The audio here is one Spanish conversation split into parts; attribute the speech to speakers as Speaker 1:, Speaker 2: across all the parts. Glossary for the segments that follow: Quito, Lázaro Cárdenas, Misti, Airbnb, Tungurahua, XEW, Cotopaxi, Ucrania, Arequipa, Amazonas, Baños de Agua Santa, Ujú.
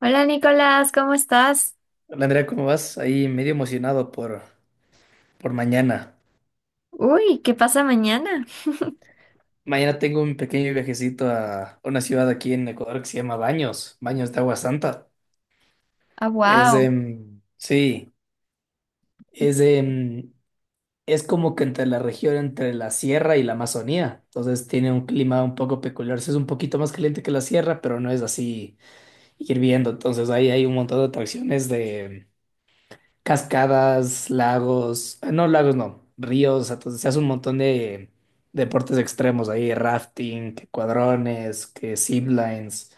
Speaker 1: Hola Nicolás, ¿cómo estás?
Speaker 2: Hola Andrea, ¿cómo vas? Ahí medio emocionado por mañana.
Speaker 1: Uy, ¿qué pasa mañana?
Speaker 2: Mañana tengo un pequeño viajecito a una ciudad aquí en Ecuador que se llama Baños, Baños de Agua Santa.
Speaker 1: Ah,
Speaker 2: Es,
Speaker 1: wow.
Speaker 2: em, sí, es, em, Es como que entre la región, entre la sierra y la Amazonía. Entonces tiene un clima un poco peculiar. Sí, es un poquito más caliente que la sierra, pero no es así hirviendo. Entonces ahí hay un montón de atracciones de cascadas, lagos, no lagos, no, ríos, entonces se hace un montón de deportes extremos ahí, rafting, que cuadrones, que ziplines.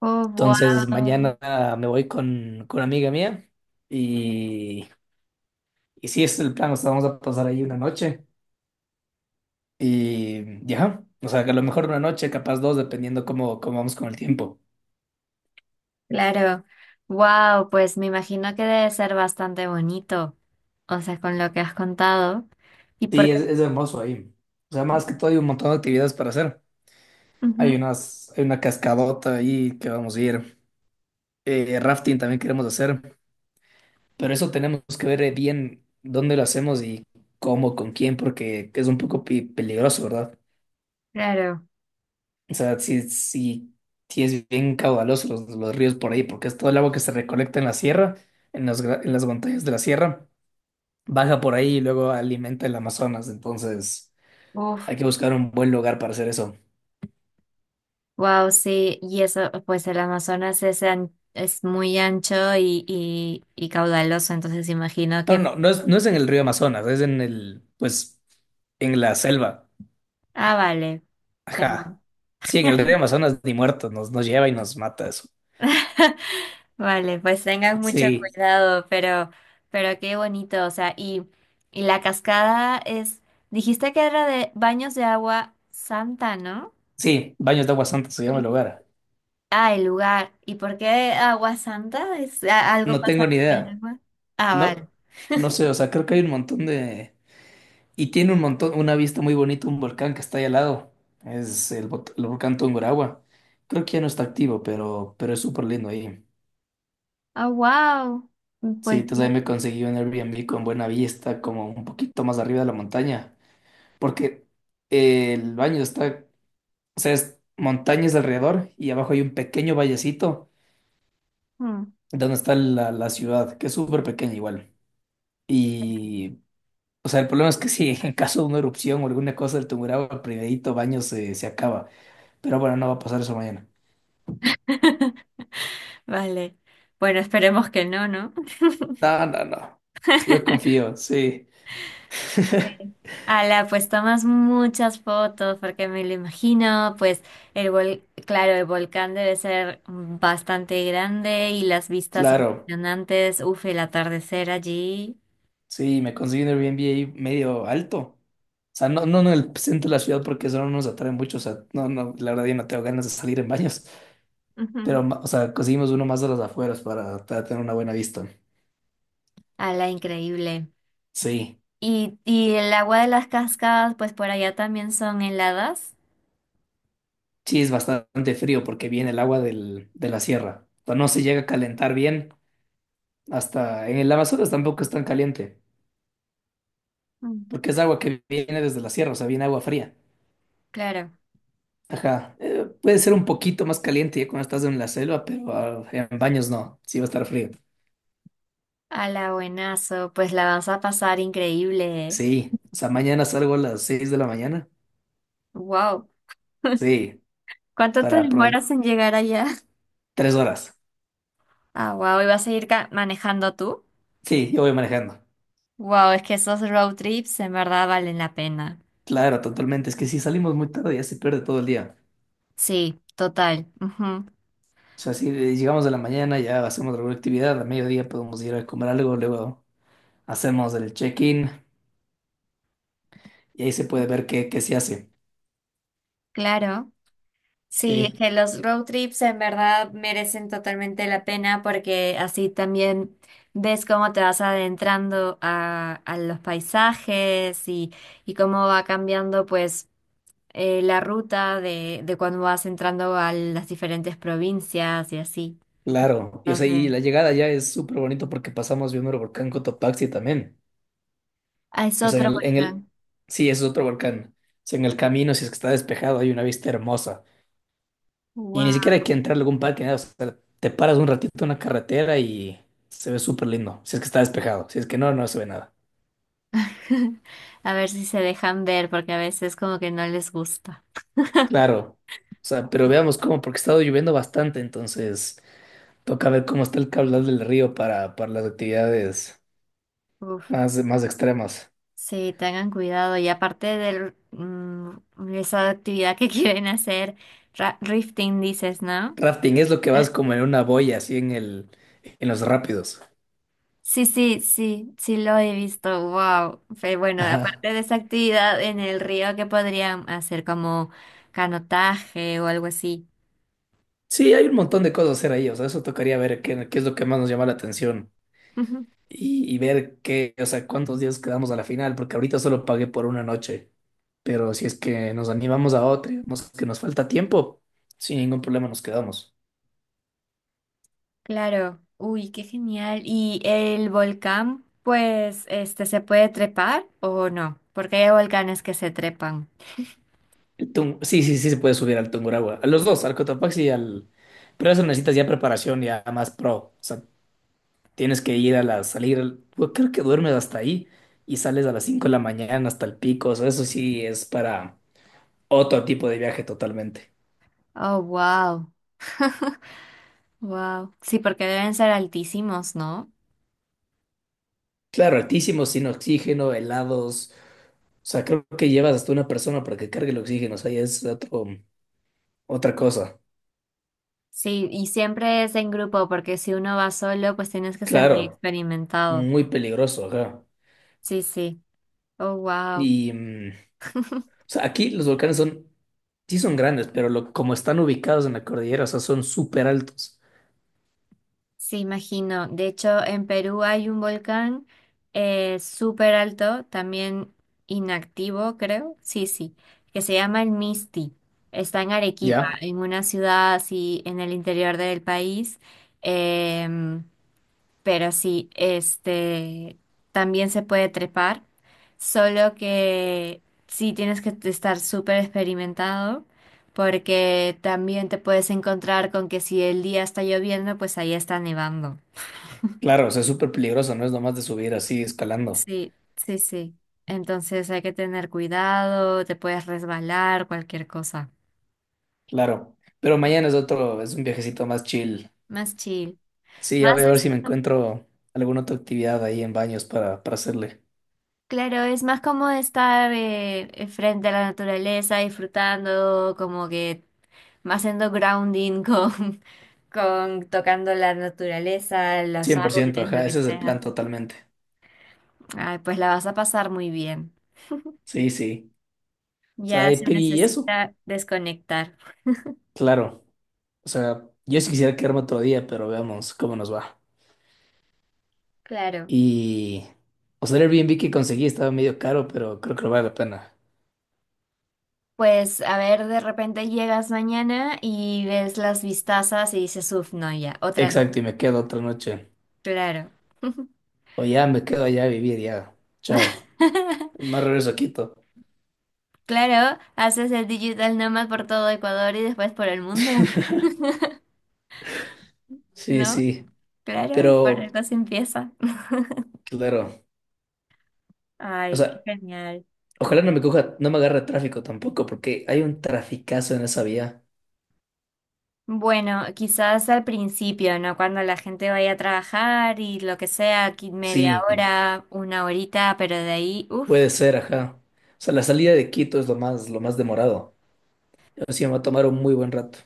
Speaker 1: Oh,
Speaker 2: Entonces
Speaker 1: wow.
Speaker 2: mañana me voy con una amiga mía y, y sí, ese es el plan, o sea, vamos a pasar ahí una noche y ya, o sea, que a lo mejor una noche, capaz dos, dependiendo cómo, cómo vamos con el tiempo.
Speaker 1: Claro. Wow, pues me imagino que debe ser bastante bonito, o sea, con lo que has contado. Y
Speaker 2: Sí,
Speaker 1: porque
Speaker 2: es hermoso ahí. O sea, más que todo hay un montón de actividades para hacer.
Speaker 1: ujú,
Speaker 2: Hay una cascadota ahí que vamos a ir. Eh, rafting también queremos hacer, pero eso tenemos que ver bien dónde lo hacemos y cómo, con quién, porque es un poco peligroso, ¿verdad?
Speaker 1: claro.
Speaker 2: O sea, si es bien caudaloso los ríos por ahí, porque es todo el agua que se recolecta en la sierra, en en las montañas de la sierra, baja por ahí y luego alimenta el Amazonas, entonces
Speaker 1: Uf,
Speaker 2: hay que buscar un buen lugar para hacer eso.
Speaker 1: wow, sí. Y eso, pues el Amazonas es, es muy ancho y, y caudaloso, entonces imagino que.
Speaker 2: No es, no es en el río Amazonas, es en el, pues, en la selva.
Speaker 1: Ah, vale.
Speaker 2: Ajá.
Speaker 1: Perdón.
Speaker 2: Sí, en el río Amazonas ni muertos nos lleva y nos mata eso.
Speaker 1: Vale, pues tengan mucho
Speaker 2: Sí,
Speaker 1: cuidado, pero qué bonito, o sea, y la cascada es, dijiste que era de Baños de Agua Santa, ¿no?
Speaker 2: sí, Baños de Agua Santa se llama el
Speaker 1: Sí.
Speaker 2: lugar.
Speaker 1: Ah, el lugar. ¿Y por qué agua santa? ¿Es algo
Speaker 2: No
Speaker 1: pasa
Speaker 2: tengo ni
Speaker 1: con el
Speaker 2: idea.
Speaker 1: agua? Ah, vale.
Speaker 2: No, no sé, o sea, creo que hay un montón de... Y tiene un montón, una vista muy bonita, un volcán que está ahí al lado. Es el volcán Tungurahua. Creo que ya no está activo, pero es súper lindo ahí.
Speaker 1: Ah, wow.
Speaker 2: Sí,
Speaker 1: Pues
Speaker 2: entonces
Speaker 1: bien.
Speaker 2: ahí me conseguí un Airbnb con buena vista, como un poquito más arriba de la montaña. Porque el baño está. O sea, es montañas alrededor y abajo hay un pequeño vallecito
Speaker 1: Mm.
Speaker 2: donde está la ciudad, que es súper pequeña igual. Y, o sea, el problema es que si en caso de una erupción o alguna cosa del Tungurahua, el primerito baño se acaba. Pero bueno, no va a pasar eso mañana.
Speaker 1: Vale. Bueno, esperemos que no, ¿no?
Speaker 2: No, no, no. Yo confío, sí.
Speaker 1: Sí. Ala, pues tomas muchas fotos porque me lo imagino, pues el claro, el volcán debe ser bastante grande y las vistas
Speaker 2: Claro.
Speaker 1: impresionantes, uf, el atardecer allí.
Speaker 2: Sí, me conseguí un Airbnb ahí medio alto. O sea, no en el centro de la ciudad porque eso no nos atrae mucho. O sea, no, no, la verdad yo no tengo ganas de salir en baños.
Speaker 1: Ujú.
Speaker 2: Pero, o sea, conseguimos uno más a las afueras para tener una buena vista.
Speaker 1: Ala, increíble.
Speaker 2: Sí,
Speaker 1: Y el agua de las cascadas, pues por allá también son heladas.
Speaker 2: sí, es bastante frío porque viene el agua de la sierra. O sea, no se llega a calentar bien. Hasta en el Amazonas tampoco es tan caliente,
Speaker 1: Mm.
Speaker 2: porque es agua que viene desde la sierra, o sea, viene agua fría.
Speaker 1: Claro.
Speaker 2: Ajá, puede ser un poquito más caliente ya cuando estás en la selva, pero ah, en baños no, sí va a estar frío.
Speaker 1: Ala, buenazo, pues la vas a pasar increíble,
Speaker 2: Sí, o sea, mañana salgo a las 6 de la mañana.
Speaker 1: wow.
Speaker 2: Sí,
Speaker 1: ¿Cuánto te
Speaker 2: para aprove-
Speaker 1: demoras en llegar allá?
Speaker 2: 3 horas.
Speaker 1: Ah, wow, ¿y vas a ir manejando tú?
Speaker 2: Sí, yo voy manejando.
Speaker 1: Wow, es que esos road trips en verdad valen la pena.
Speaker 2: Claro, totalmente. Es que si salimos muy tarde ya se pierde todo el día.
Speaker 1: Sí, total. Ujú.
Speaker 2: O sea, si llegamos de la mañana ya hacemos alguna actividad, a mediodía podemos ir a comer algo, luego hacemos el check-in y ahí se puede ver qué, qué se hace.
Speaker 1: Claro. Sí, es
Speaker 2: Sí,
Speaker 1: que los road trips en verdad merecen totalmente la pena porque así también ves cómo te vas adentrando a los paisajes y cómo va cambiando pues la ruta de cuando vas entrando a las diferentes provincias y así.
Speaker 2: claro. Y, o sea, y
Speaker 1: Entonces,
Speaker 2: la llegada ya es súper bonito porque pasamos viendo el volcán Cotopaxi también.
Speaker 1: ah, es
Speaker 2: O sea,
Speaker 1: otro
Speaker 2: en el...
Speaker 1: volcán.
Speaker 2: Sí, es otro volcán. O sea, en el camino, si es que está despejado, hay una vista hermosa. Y ni siquiera hay que entrar a algún parque, nada. O sea, te paras un ratito en una carretera y... Se ve súper lindo, si es que está despejado, si es que no, no se ve nada.
Speaker 1: A ver si se dejan ver, porque a veces como que no les gusta.
Speaker 2: Claro, o sea, pero veamos cómo, porque ha estado lloviendo bastante, entonces toca ver cómo está el caudal del río para las actividades
Speaker 1: Uf.
Speaker 2: más extremas.
Speaker 1: Sí, tengan cuidado. Y aparte de esa actividad que quieren hacer, rifting dices, ¿no?
Speaker 2: Rafting es lo que
Speaker 1: Eh,
Speaker 2: vas como en una boya, así en los rápidos.
Speaker 1: sí, sí, sí, sí lo he visto. Wow. Pero bueno,
Speaker 2: Ajá.
Speaker 1: aparte de esa actividad en el río, ¿qué podrían hacer como canotaje o algo así?
Speaker 2: Sí, hay un montón de cosas a hacer ahí, o sea, eso tocaría ver qué, qué es lo que más nos llama la atención y ver qué, o sea, cuántos días quedamos a la final, porque ahorita solo pagué por una noche, pero si es que nos animamos a otra, vemos que nos falta tiempo, sin ningún problema nos quedamos.
Speaker 1: Claro, uy, qué genial. ¿Y el volcán, pues, este, se puede trepar o no? Porque hay volcanes que se trepan.
Speaker 2: Sí, sí, sí se puede subir al Tungurahua. A los dos, al Cotopaxi y al... Pero eso necesitas ya preparación, ya más pro. O sea, tienes que ir a la salir... al-. Yo creo que duermes hasta ahí y sales a las 5 de la mañana hasta el pico. O sea, eso sí es para otro tipo de viaje totalmente.
Speaker 1: Oh, wow, wow. Sí, porque deben ser altísimos, ¿no?
Speaker 2: Claro, altísimo, sin oxígeno, helados. O sea, creo que llevas hasta una persona para que cargue el oxígeno. O sea, ya es otro, otra cosa.
Speaker 1: Sí, y siempre es en grupo, porque si uno va solo, pues tienes que ser muy
Speaker 2: Claro,
Speaker 1: experimentado.
Speaker 2: muy peligroso, ajá.
Speaker 1: Sí, sí. Oh, wow.
Speaker 2: Y... mm, o sea, aquí los volcanes son, sí son grandes, pero lo, como están ubicados en la cordillera, o sea, son súper altos.
Speaker 1: Sí, imagino. De hecho, en Perú hay un volcán súper alto, también inactivo, creo. Sí, sí, que se llama el Misti. Está en Arequipa,
Speaker 2: ¿Ya?
Speaker 1: en una ciudad así en el interior del país. Em, pero sí, este también se puede trepar, solo que sí tienes que estar súper experimentado, porque también te puedes encontrar con que si el día está lloviendo, pues ahí está nevando.
Speaker 2: Claro, o sea, es súper peligroso, no es nomás de subir así, escalando.
Speaker 1: Sí, sí, sí. Entonces hay que tener cuidado, te puedes resbalar, cualquier cosa.
Speaker 2: Claro. Pero mañana es otro, es un viajecito más chill.
Speaker 1: Más chill.
Speaker 2: Sí, ya
Speaker 1: Más
Speaker 2: voy a ver
Speaker 1: es-
Speaker 2: si me encuentro alguna otra actividad ahí en baños para hacerle.
Speaker 1: claro, es más como estar frente a la naturaleza, disfrutando, como que más haciendo grounding con con tocando la naturaleza, los
Speaker 2: cien por
Speaker 1: árboles,
Speaker 2: ciento.
Speaker 1: lo
Speaker 2: Ajá,
Speaker 1: que
Speaker 2: ese es el plan
Speaker 1: sea.
Speaker 2: totalmente.
Speaker 1: Ay, pues la vas a pasar muy bien.
Speaker 2: Sí, sí. O
Speaker 1: Ya
Speaker 2: sea, y
Speaker 1: se
Speaker 2: y eso,
Speaker 1: necesita desconectar.
Speaker 2: claro. O sea, yo sí quisiera quedarme otro día, pero veamos cómo nos va.
Speaker 1: Claro.
Speaker 2: Y, o sea, el Airbnb que conseguí estaba medio caro, pero creo que lo vale la pena.
Speaker 1: Pues a ver, de repente llegas mañana y ves las vistazas y dices, uff, no, ya, otra no.
Speaker 2: Exacto, y me quedo otra noche.
Speaker 1: Claro.
Speaker 2: O ya me quedo allá a vivir, ya. Chao. No regreso a Quito.
Speaker 1: Claro, haces el digital nomad por todo Ecuador y después por el mundo,
Speaker 2: Sí,
Speaker 1: ¿no?
Speaker 2: sí,
Speaker 1: Claro, por
Speaker 2: pero
Speaker 1: algo se empieza.
Speaker 2: claro, o
Speaker 1: Ay, qué
Speaker 2: sea,
Speaker 1: genial.
Speaker 2: ojalá no me coja, no me agarre tráfico tampoco, porque hay un traficazo en esa vía.
Speaker 1: Bueno, quizás al principio, ¿no? Cuando la gente vaya a trabajar y lo que sea, aquí media
Speaker 2: Sí,
Speaker 1: hora, una horita, pero de ahí, uff,
Speaker 2: puede ser, ajá. O sea, la salida de Quito es lo más demorado. Así me va a tomar un muy buen rato.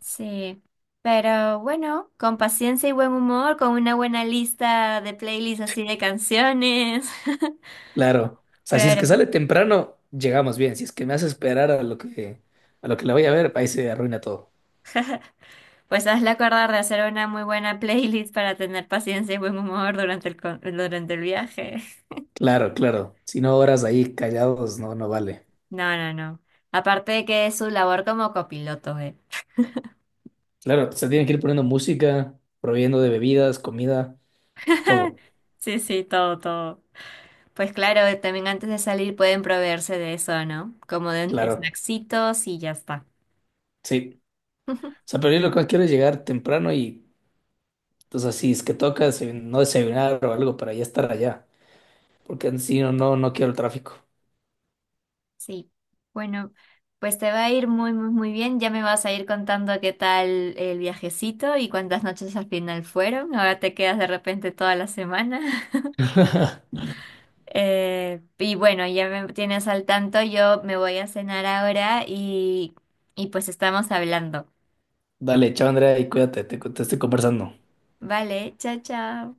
Speaker 1: sí. Pero bueno, con paciencia y buen humor, con una buena lista de playlists así de canciones.
Speaker 2: Claro. O sea, si es que
Speaker 1: Claro.
Speaker 2: sale temprano, llegamos bien. Si es que me hace esperar a lo que la voy a ver, ahí se arruina todo.
Speaker 1: Pues hazle acordar de hacer una muy buena playlist para tener paciencia y buen humor durante el, durante el viaje.
Speaker 2: Claro, claro. Si no horas ahí callados, no, no vale.
Speaker 1: No, no, no. Aparte de que es su labor como copiloto, ¿eh?
Speaker 2: Claro, se tienen que ir poniendo música, proveyendo de bebidas, comida, todo.
Speaker 1: Sí, sí, todo, todo. Pues claro, también antes de salir pueden proveerse de eso, ¿no? Como de
Speaker 2: Claro,
Speaker 1: snacksitos y ya está.
Speaker 2: sí. O sea, pero yo lo que quiero es llegar temprano y, entonces, si es que toca no desayunar o algo para ya estar allá. Porque si no, no, no quiero el tráfico.
Speaker 1: Sí. Bueno, pues te va a ir muy, muy, muy bien. Ya me vas a ir contando qué tal el viajecito y cuántas noches al final fueron. Ahora te quedas de repente toda la semana. Y bueno, ya me tienes al tanto. Yo me voy a cenar ahora y pues estamos hablando.
Speaker 2: Dale, chao, Andrea, y cuídate, te estoy conversando.
Speaker 1: Vale, chao, chao.